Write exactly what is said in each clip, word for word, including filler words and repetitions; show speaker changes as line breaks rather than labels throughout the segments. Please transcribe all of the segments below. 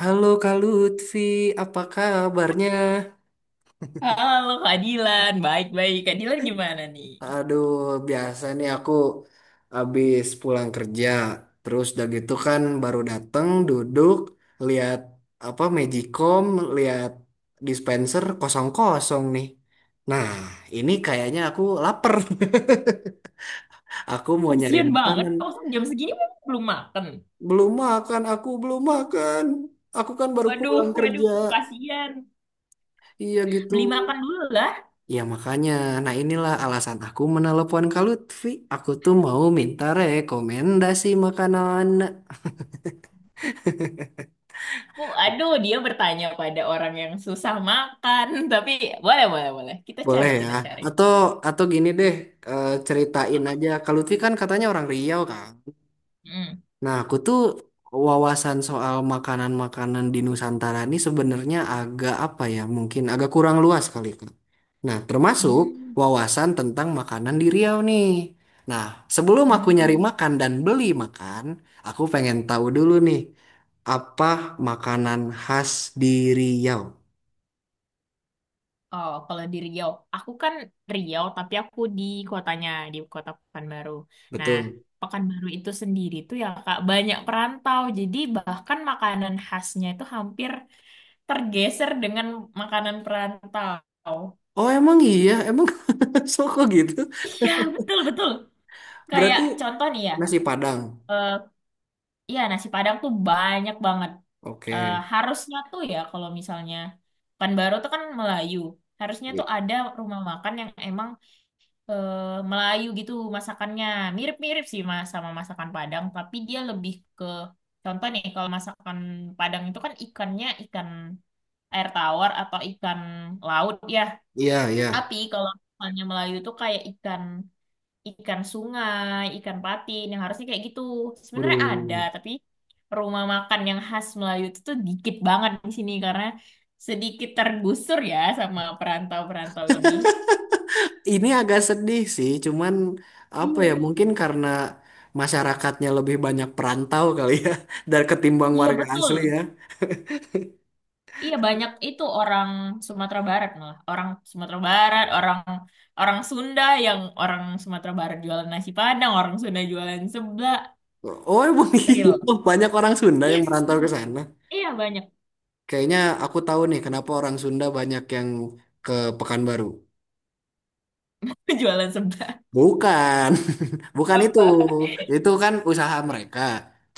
Halo Kak Lutfi, apa kabarnya?
Halo Kak Dilan, baik-baik. Kak Dilan gimana nih?
Aduh, biasa nih aku habis pulang kerja, terus udah gitu kan baru dateng duduk, lihat apa Magicom, lihat dispenser kosong-kosong nih. Nah, ini kayaknya aku lapar. Aku mau nyari
Kasian banget,
makanan.
oh jam segini memang belum makan.
Belum makan, aku belum makan. Aku kan baru
Waduh,
pulang
waduh,
kerja.
kasian.
Iya gitu.
Beli makan dulu lah.
Ya makanya, nah inilah alasan aku menelepon Kak Lutfi. Aku tuh mau minta rekomendasi makanan.
Oh, aduh, dia bertanya pada orang yang susah makan. Tapi boleh, boleh, boleh. Kita
Boleh
cari,
ya?
kita cari.
Atau atau gini deh, eh, ceritain
Apa?
aja. Kak Lutfi kan katanya orang Riau kan?
Hmm.
Nah, aku tuh wawasan soal makanan-makanan di Nusantara ini sebenarnya agak apa ya, mungkin agak kurang luas kali, Kak. Nah, termasuk
Hmm.
wawasan tentang makanan di Riau nih. Nah, sebelum aku nyari
Nah.
makan dan beli makan, aku pengen tahu dulu nih, apa makanan khas di Riau?
Oh, kalau di Riau, aku kan Riau, tapi aku di kotanya, di kota Pekanbaru. Nah,
Betul.
Pekanbaru itu sendiri tuh ya Kak, banyak perantau. Jadi bahkan makanan khasnya itu hampir tergeser dengan makanan perantau.
Oh, emang iya? Emang soko gitu?
Iya, betul, betul. Kayak
Berarti
contoh nih ya,
nasi Padang.
eh iya nasi Padang tuh banyak banget. Eh
Oke.
harusnya tuh ya kalau misalnya Pekanbaru tuh kan Melayu, harusnya
I-
tuh ada rumah makan yang emang eh, Melayu gitu masakannya. Mirip-mirip sih Mas sama masakan Padang, tapi dia lebih ke contoh nih kalau masakan Padang itu kan ikannya ikan air tawar atau ikan laut ya.
Iya, iya.
Tapi kalau misalnya Melayu itu kayak ikan ikan sungai, ikan patin yang harusnya kayak gitu. Sebenarnya ada,
Waduh.
tapi rumah makan yang khas Melayu itu tuh dikit banget di sini karena sedikit tergusur ya sama perantau-perantau ini.
Ini agak sedih sih, cuman apa ya
Iya.
mungkin karena masyarakatnya lebih banyak perantau kali ya dari ketimbang
Iya
warga
betul.
asli ya.
Iya banyak itu orang Sumatera Barat malah orang Sumatera Barat orang orang Sunda yang orang Sumatera Barat jualan nasi Padang orang Sunda jualan seblak
Oh emang iya,
real
banyak orang Sunda yang
yes
merantau ke sana.
iya banyak
Kayaknya aku tahu nih kenapa orang Sunda banyak yang ke Pekanbaru.
jualan seblak
Bukan, bukan itu.
apa.
Itu kan usaha mereka.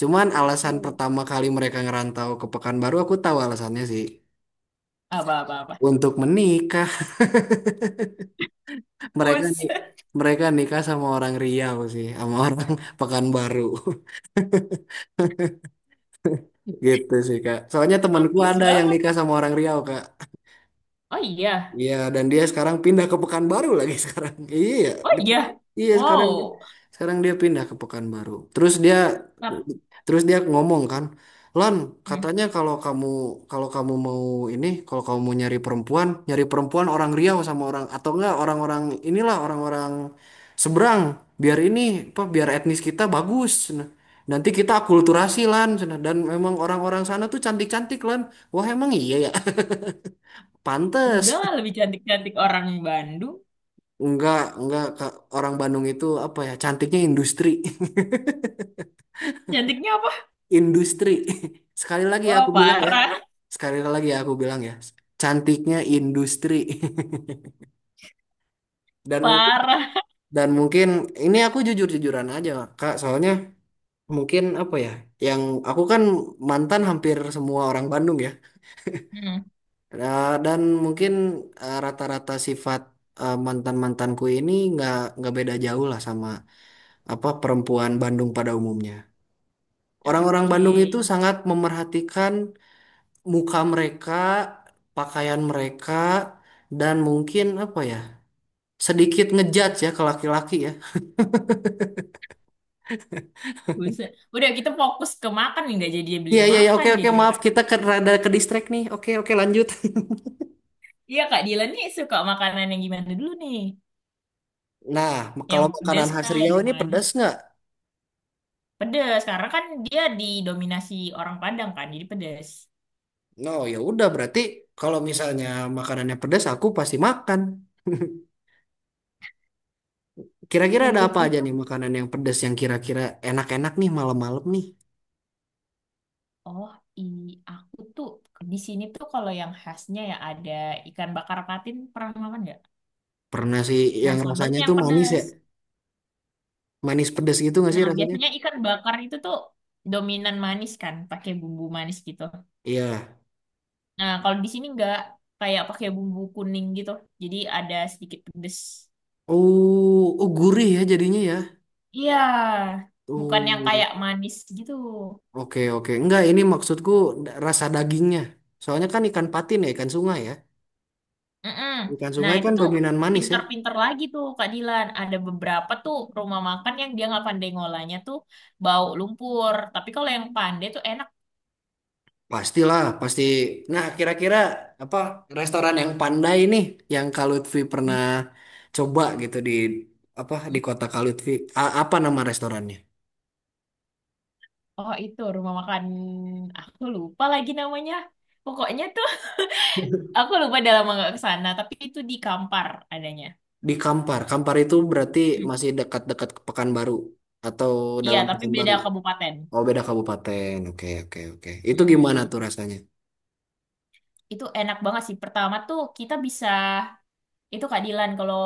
Cuman alasan
Hmm.
pertama kali mereka ngerantau ke Pekanbaru aku tahu alasannya sih.
Apa apa apa.
Untuk menikah. Mereka
Bus.
nih mereka nikah sama orang Riau sih, sama orang Pekanbaru gitu sih Kak. Soalnya
Plot
temanku
twist
ada yang
banget
nikah sama orang Riau Kak.
oh iya
Iya, dan dia sekarang pindah ke Pekanbaru lagi sekarang. Iya,
oh
di-
iya
iya sekarang
wow.
sekarang dia pindah ke Pekanbaru. Terus dia
Tap.
terus dia ngomong kan, Lan,
Hmm.
katanya kalau kamu kalau kamu mau ini, kalau kamu mau nyari perempuan, nyari perempuan orang Riau sama orang atau enggak orang-orang inilah orang-orang seberang, biar ini apa biar etnis kita bagus. Nah, nanti kita akulturasi Lan, Nah, dan memang orang-orang sana tuh cantik-cantik Lan. Wah, emang iya ya.
Udah
Pantes.
lah lebih cantik-cantik orang Bandung
Enggak, enggak Kak. Orang Bandung itu apa ya? Cantiknya industri.
cantiknya apa
Industri. Sekali lagi
wah
aku bilang ya.
parah
Sekali lagi aku bilang ya. Cantiknya industri. Dan mungkin
parah.
dan mungkin ini aku jujur-jujuran aja, Kak. Soalnya mungkin apa ya? Yang aku kan mantan hampir semua orang Bandung ya.
Hmm.
Nah, dan mungkin eh, rata-rata sifat eh, mantan-mantanku ini nggak nggak beda jauh lah sama apa perempuan Bandung pada umumnya. Orang-orang
Oke.
Bandung itu sangat memerhatikan muka mereka, pakaian mereka, dan mungkin apa ya, sedikit ngejudge ya ke laki-laki ya.
Buset. Udah kita fokus ke makan nih, nggak jadi beli
Iya, iya, iya,
makan
oke, oke,
jadinya
maaf,
kan.
kita ke, rada ke distract nih. Oke, oke, lanjut.
Iya Kak Dilan nih suka makanan yang gimana dulu nih?
Nah,
Yang
kalau makanan
pedas
khas
kah? Yang
Riau ini
manis?
pedas nggak?
Pedas. Karena kan dia didominasi orang Padang kan, jadi pedas.
No, ya udah, berarti kalau misalnya makanannya pedas, aku pasti makan. Kira-kira ada
Mending
apa aja
itu.
nih makanan yang pedas yang kira-kira enak-enak nih malam-malam nih?
Oh, i aku tuh di sini tuh kalau yang khasnya ya ada ikan bakar patin pernah makan nggak?
Pernah sih
Nah,
yang rasanya
sambalnya
itu
yang
manis ya?
pedas.
Manis pedas gitu nggak sih
Nah,
rasanya?
biasanya ikan bakar itu tuh dominan manis kan, pakai bumbu manis gitu.
Iya.
Nah, kalau di sini nggak kayak pakai bumbu kuning gitu. Jadi ada sedikit pedes.
Oh, oh gurih ya jadinya ya.
Iya, bukan yang
Oh,
kayak manis gitu.
oke oke. Enggak, ini maksudku da- rasa dagingnya. Soalnya kan ikan patin ya, ikan sungai ya.
Mm-mm.
Ikan
Nah,
sungai
itu
kan
tuh
dominan manis ya.
pinter-pinter lagi tuh Kak Dilan. Ada beberapa tuh rumah makan yang dia nggak pandai ngolahnya tuh bau lumpur. Tapi kalau yang pandai tuh enak.
Pastilah, pasti. Nah, kira-kira apa restoran yang pandai nih yang Kak Lutfi pernah coba gitu di apa di
Mm-mm.
kota Kak Lutfi. A- apa nama restorannya?
Oh, itu rumah makan aku lupa lagi namanya. Pokoknya tuh aku lupa udah lama nggak ke sana, tapi itu di Kampar adanya.
Di Kampar. Kampar itu berarti
Mm.
masih dekat-dekat ke Pekanbaru atau
Iya,
dalam
tapi beda
Pekanbaru.
kabupaten.
Oh beda kabupaten. Oke oke oke. Itu gimana
Mm.
tuh rasanya?
Itu enak banget sih. Pertama tuh kita bisa itu keadilan kalau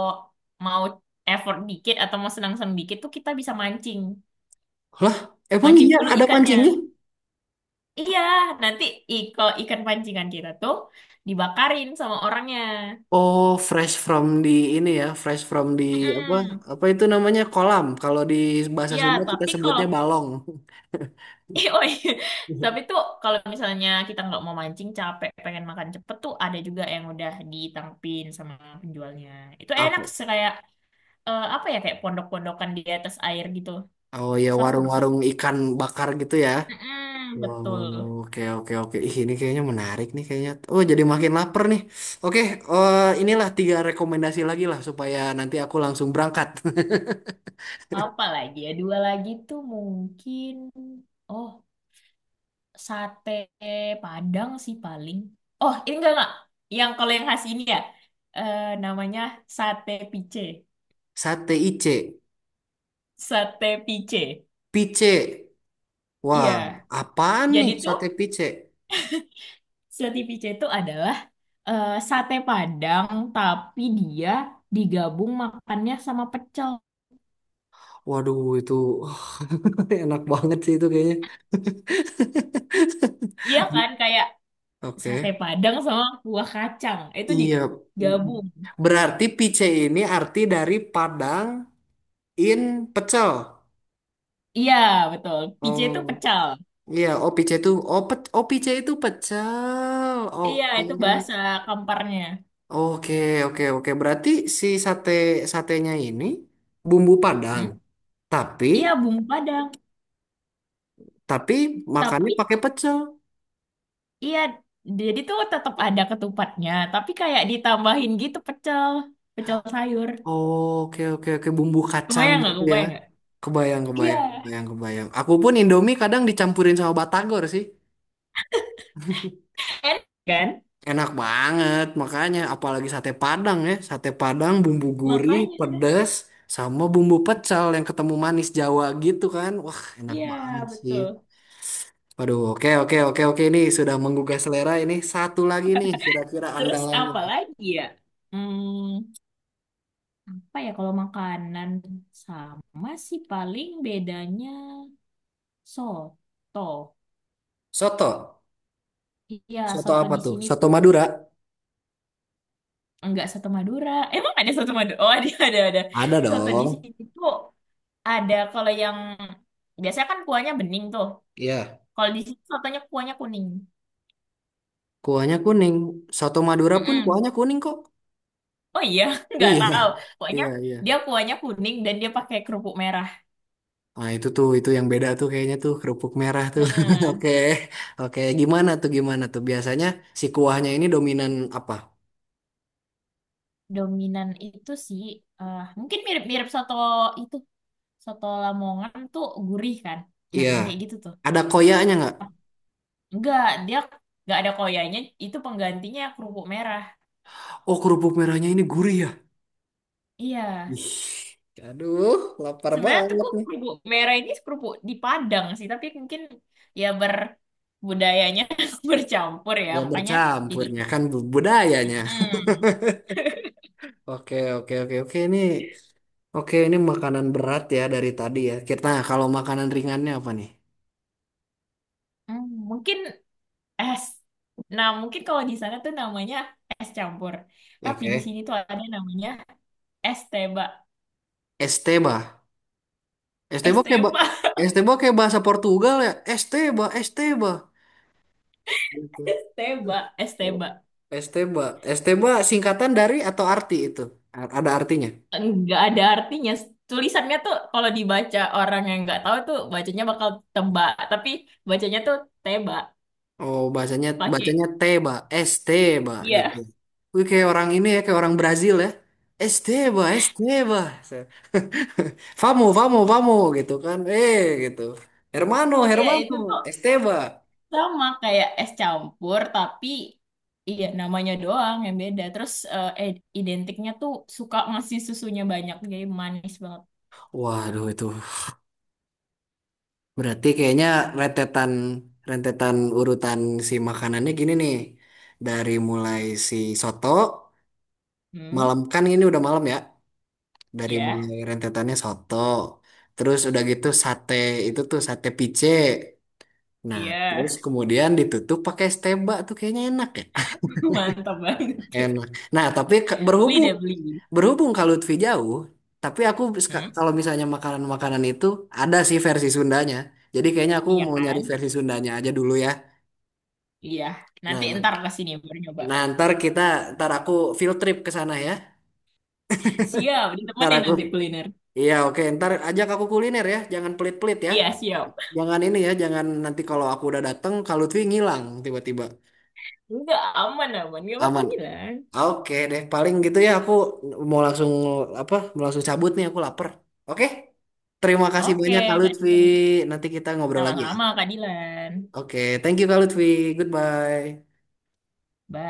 mau effort dikit atau mau senang-senang dikit tuh kita bisa mancing.
Lah, emang
Mancing
iya
dulu
ada mancingnya?
ikannya. Iya, nanti i- kalau ikan pancingan kita tuh dibakarin sama orangnya.
Oh, fresh from di ini ya, fresh from di apa?
Mm-mm.
Apa itu namanya kolam? Kalau di bahasa
Iya,
Sunda kita
tapi kalau
sebutnya balong.
eh, oh iya. Tapi tuh kalau misalnya kita nggak mau mancing capek pengen makan cepet tuh ada juga yang udah ditangkepin sama penjualnya. Itu enak
Apa?
sih, kayak eh, apa ya kayak pondok-pondokan di atas air gitu.
Oh ya
Seru, seru.
warung-warung ikan bakar gitu ya.
Mm
Wow,
betul.
oke oke oke. Ih, ini kayaknya menarik nih kayaknya. Oh, jadi makin lapar nih. Oke, eh, inilah tiga rekomendasi lagi lah supaya nanti aku langsung berangkat.
Apa lagi ya? Dua lagi tuh mungkin oh sate Padang sih paling. Oh, ini enggak enggak. Yang kalau yang khas ini ya eh, namanya sate pice.
Sate I C,
Sate pice.
pice, Wah,
Iya.
apaan nih
Jadi tuh
sate picek?
sate pice itu adalah eh, sate Padang tapi dia digabung makannya sama pecel.
Waduh, itu enak banget sih itu kayaknya.
Iya kan kayak sate
Oke.
Padang sama buah kacang. Itu
Iya.
digabung.
Berarti pice ini arti dari Padang in pecel.
Iya, betul. P C
Oh,
itu pecal.
iya. Oh, pice itu. Oh, pe, oh pice itu pecel.
Iya,
Oke.
itu bahasa kamparnya.
Oke, oke, oke. Berarti si sate satenya ini bumbu Padang.
Hmm?
Tapi,
Iya, bumbu Padang.
tapi makannya
Tapi
pakai pecel.
iya, jadi tuh tetap ada ketupatnya, tapi kayak ditambahin gitu pecel, pecel sayur.
Oh, Oke oke oke bumbu kacang
Kebayang nggak?
gitu ya.
Kebayang nggak?
Kebayang
Iya,
kebayang kebayang kebayang. Aku pun Indomie kadang dicampurin sama batagor sih.
enak kan?
Enak banget makanya apalagi sate Padang ya. Sate Padang bumbu gurih,
Makanya,
pedas sama bumbu pecal yang ketemu manis Jawa gitu kan. Wah, enak
iya
banget sih.
betul.
Waduh, oke oke oke oke ini sudah menggugah selera ini. Satu lagi nih kira-kira
Terus
andalannya.
apa lagi ya? Hmm, apa ya kalau makanan sama sih paling bedanya soto.
Soto.
Iya,
Soto
soto
apa
di
tuh?
sini
Soto
tuh.
Madura.
Enggak soto Madura. Emang ada soto Madura? Oh, ada, ada, ada.
Ada
Soto di sini
dong.
tuh ada kalau yang biasanya kan kuahnya bening tuh.
Iya.
Kalau di sini sotonya kuahnya kuning.
Kuahnya kuning. Soto Madura pun
Mm-mm.
kuahnya kuning kok.
Oh iya, nggak
Iya,
tahu. Pokoknya
iya, iya.
dia kuahnya kuning dan dia pakai kerupuk merah.
Nah, itu tuh, itu yang beda tuh kayaknya tuh kerupuk merah tuh.
Nah,
Oke, oke. Gimana tuh, gimana tuh? Biasanya si kuahnya ini dominan apa?
dominan itu sih eh, mungkin mirip-mirip soto itu. Soto Lamongan tuh gurih kan. Nah,
Iya.
yang kayak gitu tuh.
Ada koyaknya nggak?
Enggak, dia nggak ada koyanya, itu penggantinya kerupuk merah.
Oh, kerupuk merahnya ini gurih ya?
Iya.
Ih, aduh, lapar
Sebenarnya tuh
banget nih.
kerupuk merah ini kerupuk di Padang sih, tapi mungkin ya berbudayanya bercampur ya,
Ya
makanya jadi.
bercampurnya kan bu- budayanya.
Hmm.
Oke, oke, oke, oke. Ini, oke, ini makanan berat ya dari tadi ya. Kita, nah, kalau makanan ringannya apa nih?
Hmm, mungkin es. Nah, mungkin kalau di sana tuh namanya es campur,
Ya,
tapi di
Oke.
sini tuh ada namanya es teba,
Esteba. Esteba
es
kayak ba-
teba,
Esteba kayak bahasa Portugal ya. Esteba, Esteba. Gitu.
es teba, es teba.
Esteba. Esteba singkatan dari atau arti itu? A- Ada artinya.
Nggak ada artinya. Tulisannya tuh kalau dibaca orang yang nggak tahu tuh bacanya bakal teba, tapi bacanya tuh teba
Oh, bahasanya
pakai.
bacanya Teba, Esteba gitu.
Iya.
Wih, kayak orang ini ya, kayak orang Brazil ya. Esteba, Esteba. Famo, famo, famo gitu kan. Eh, gitu. Hermano,
Iya,
Hermano,
itu tuh
Esteba.
sama kayak es campur, tapi iya namanya doang yang beda. Terus eh, ed- identiknya tuh suka ngasih susunya banyak, jadi manis banget.
Waduh itu berarti kayaknya rentetan rentetan urutan si makanannya gini nih. Dari mulai si soto,
Hmm,
malam kan ini udah malam ya. Dari
ya,
mulai rentetannya soto, terus udah gitu sate itu tuh sate pice. Nah, terus
iya,
kemudian ditutup pakai steba tuh kayaknya enak ya.
mantap banget.
Enak. Nah, tapi ke-
Beli
berhubung
deh, beli.
berhubung kalau Lutfi jauh, tapi aku ska-
Hmm,
kalau misalnya makanan-makanan itu ada sih versi Sundanya. Jadi kayaknya aku
iya
mau nyari
kan?
versi Sundanya aja dulu ya.
Iya, nanti
Nah, nah,
ntar ke sini baru nyoba.
nah, ntar kita, ntar aku field trip ke sana ya.
Siap,
Ntar
ditemenin
aku,
nanti kuliner.
iya oke, ntar ajak aku kuliner ya. Jangan pelit-pelit ya.
Iya, siap.
Jangan ini ya, jangan nanti kalau aku udah dateng, kalau Lutfi ngilang tiba-tiba.
Enggak, aman, aman. Gak bakal
Aman.
hilang.
Oke deh, paling gitu ya aku mau langsung apa? Mau langsung cabut nih, aku lapar. Oke? Terima kasih
Oke,
banyak Kak
Kak
Lutfi.
Dilan.
Nanti kita ngobrol lagi ya.
Sama-sama, Kak Dilan.
Oke, thank you Kak Lutfi. Goodbye.
Bye.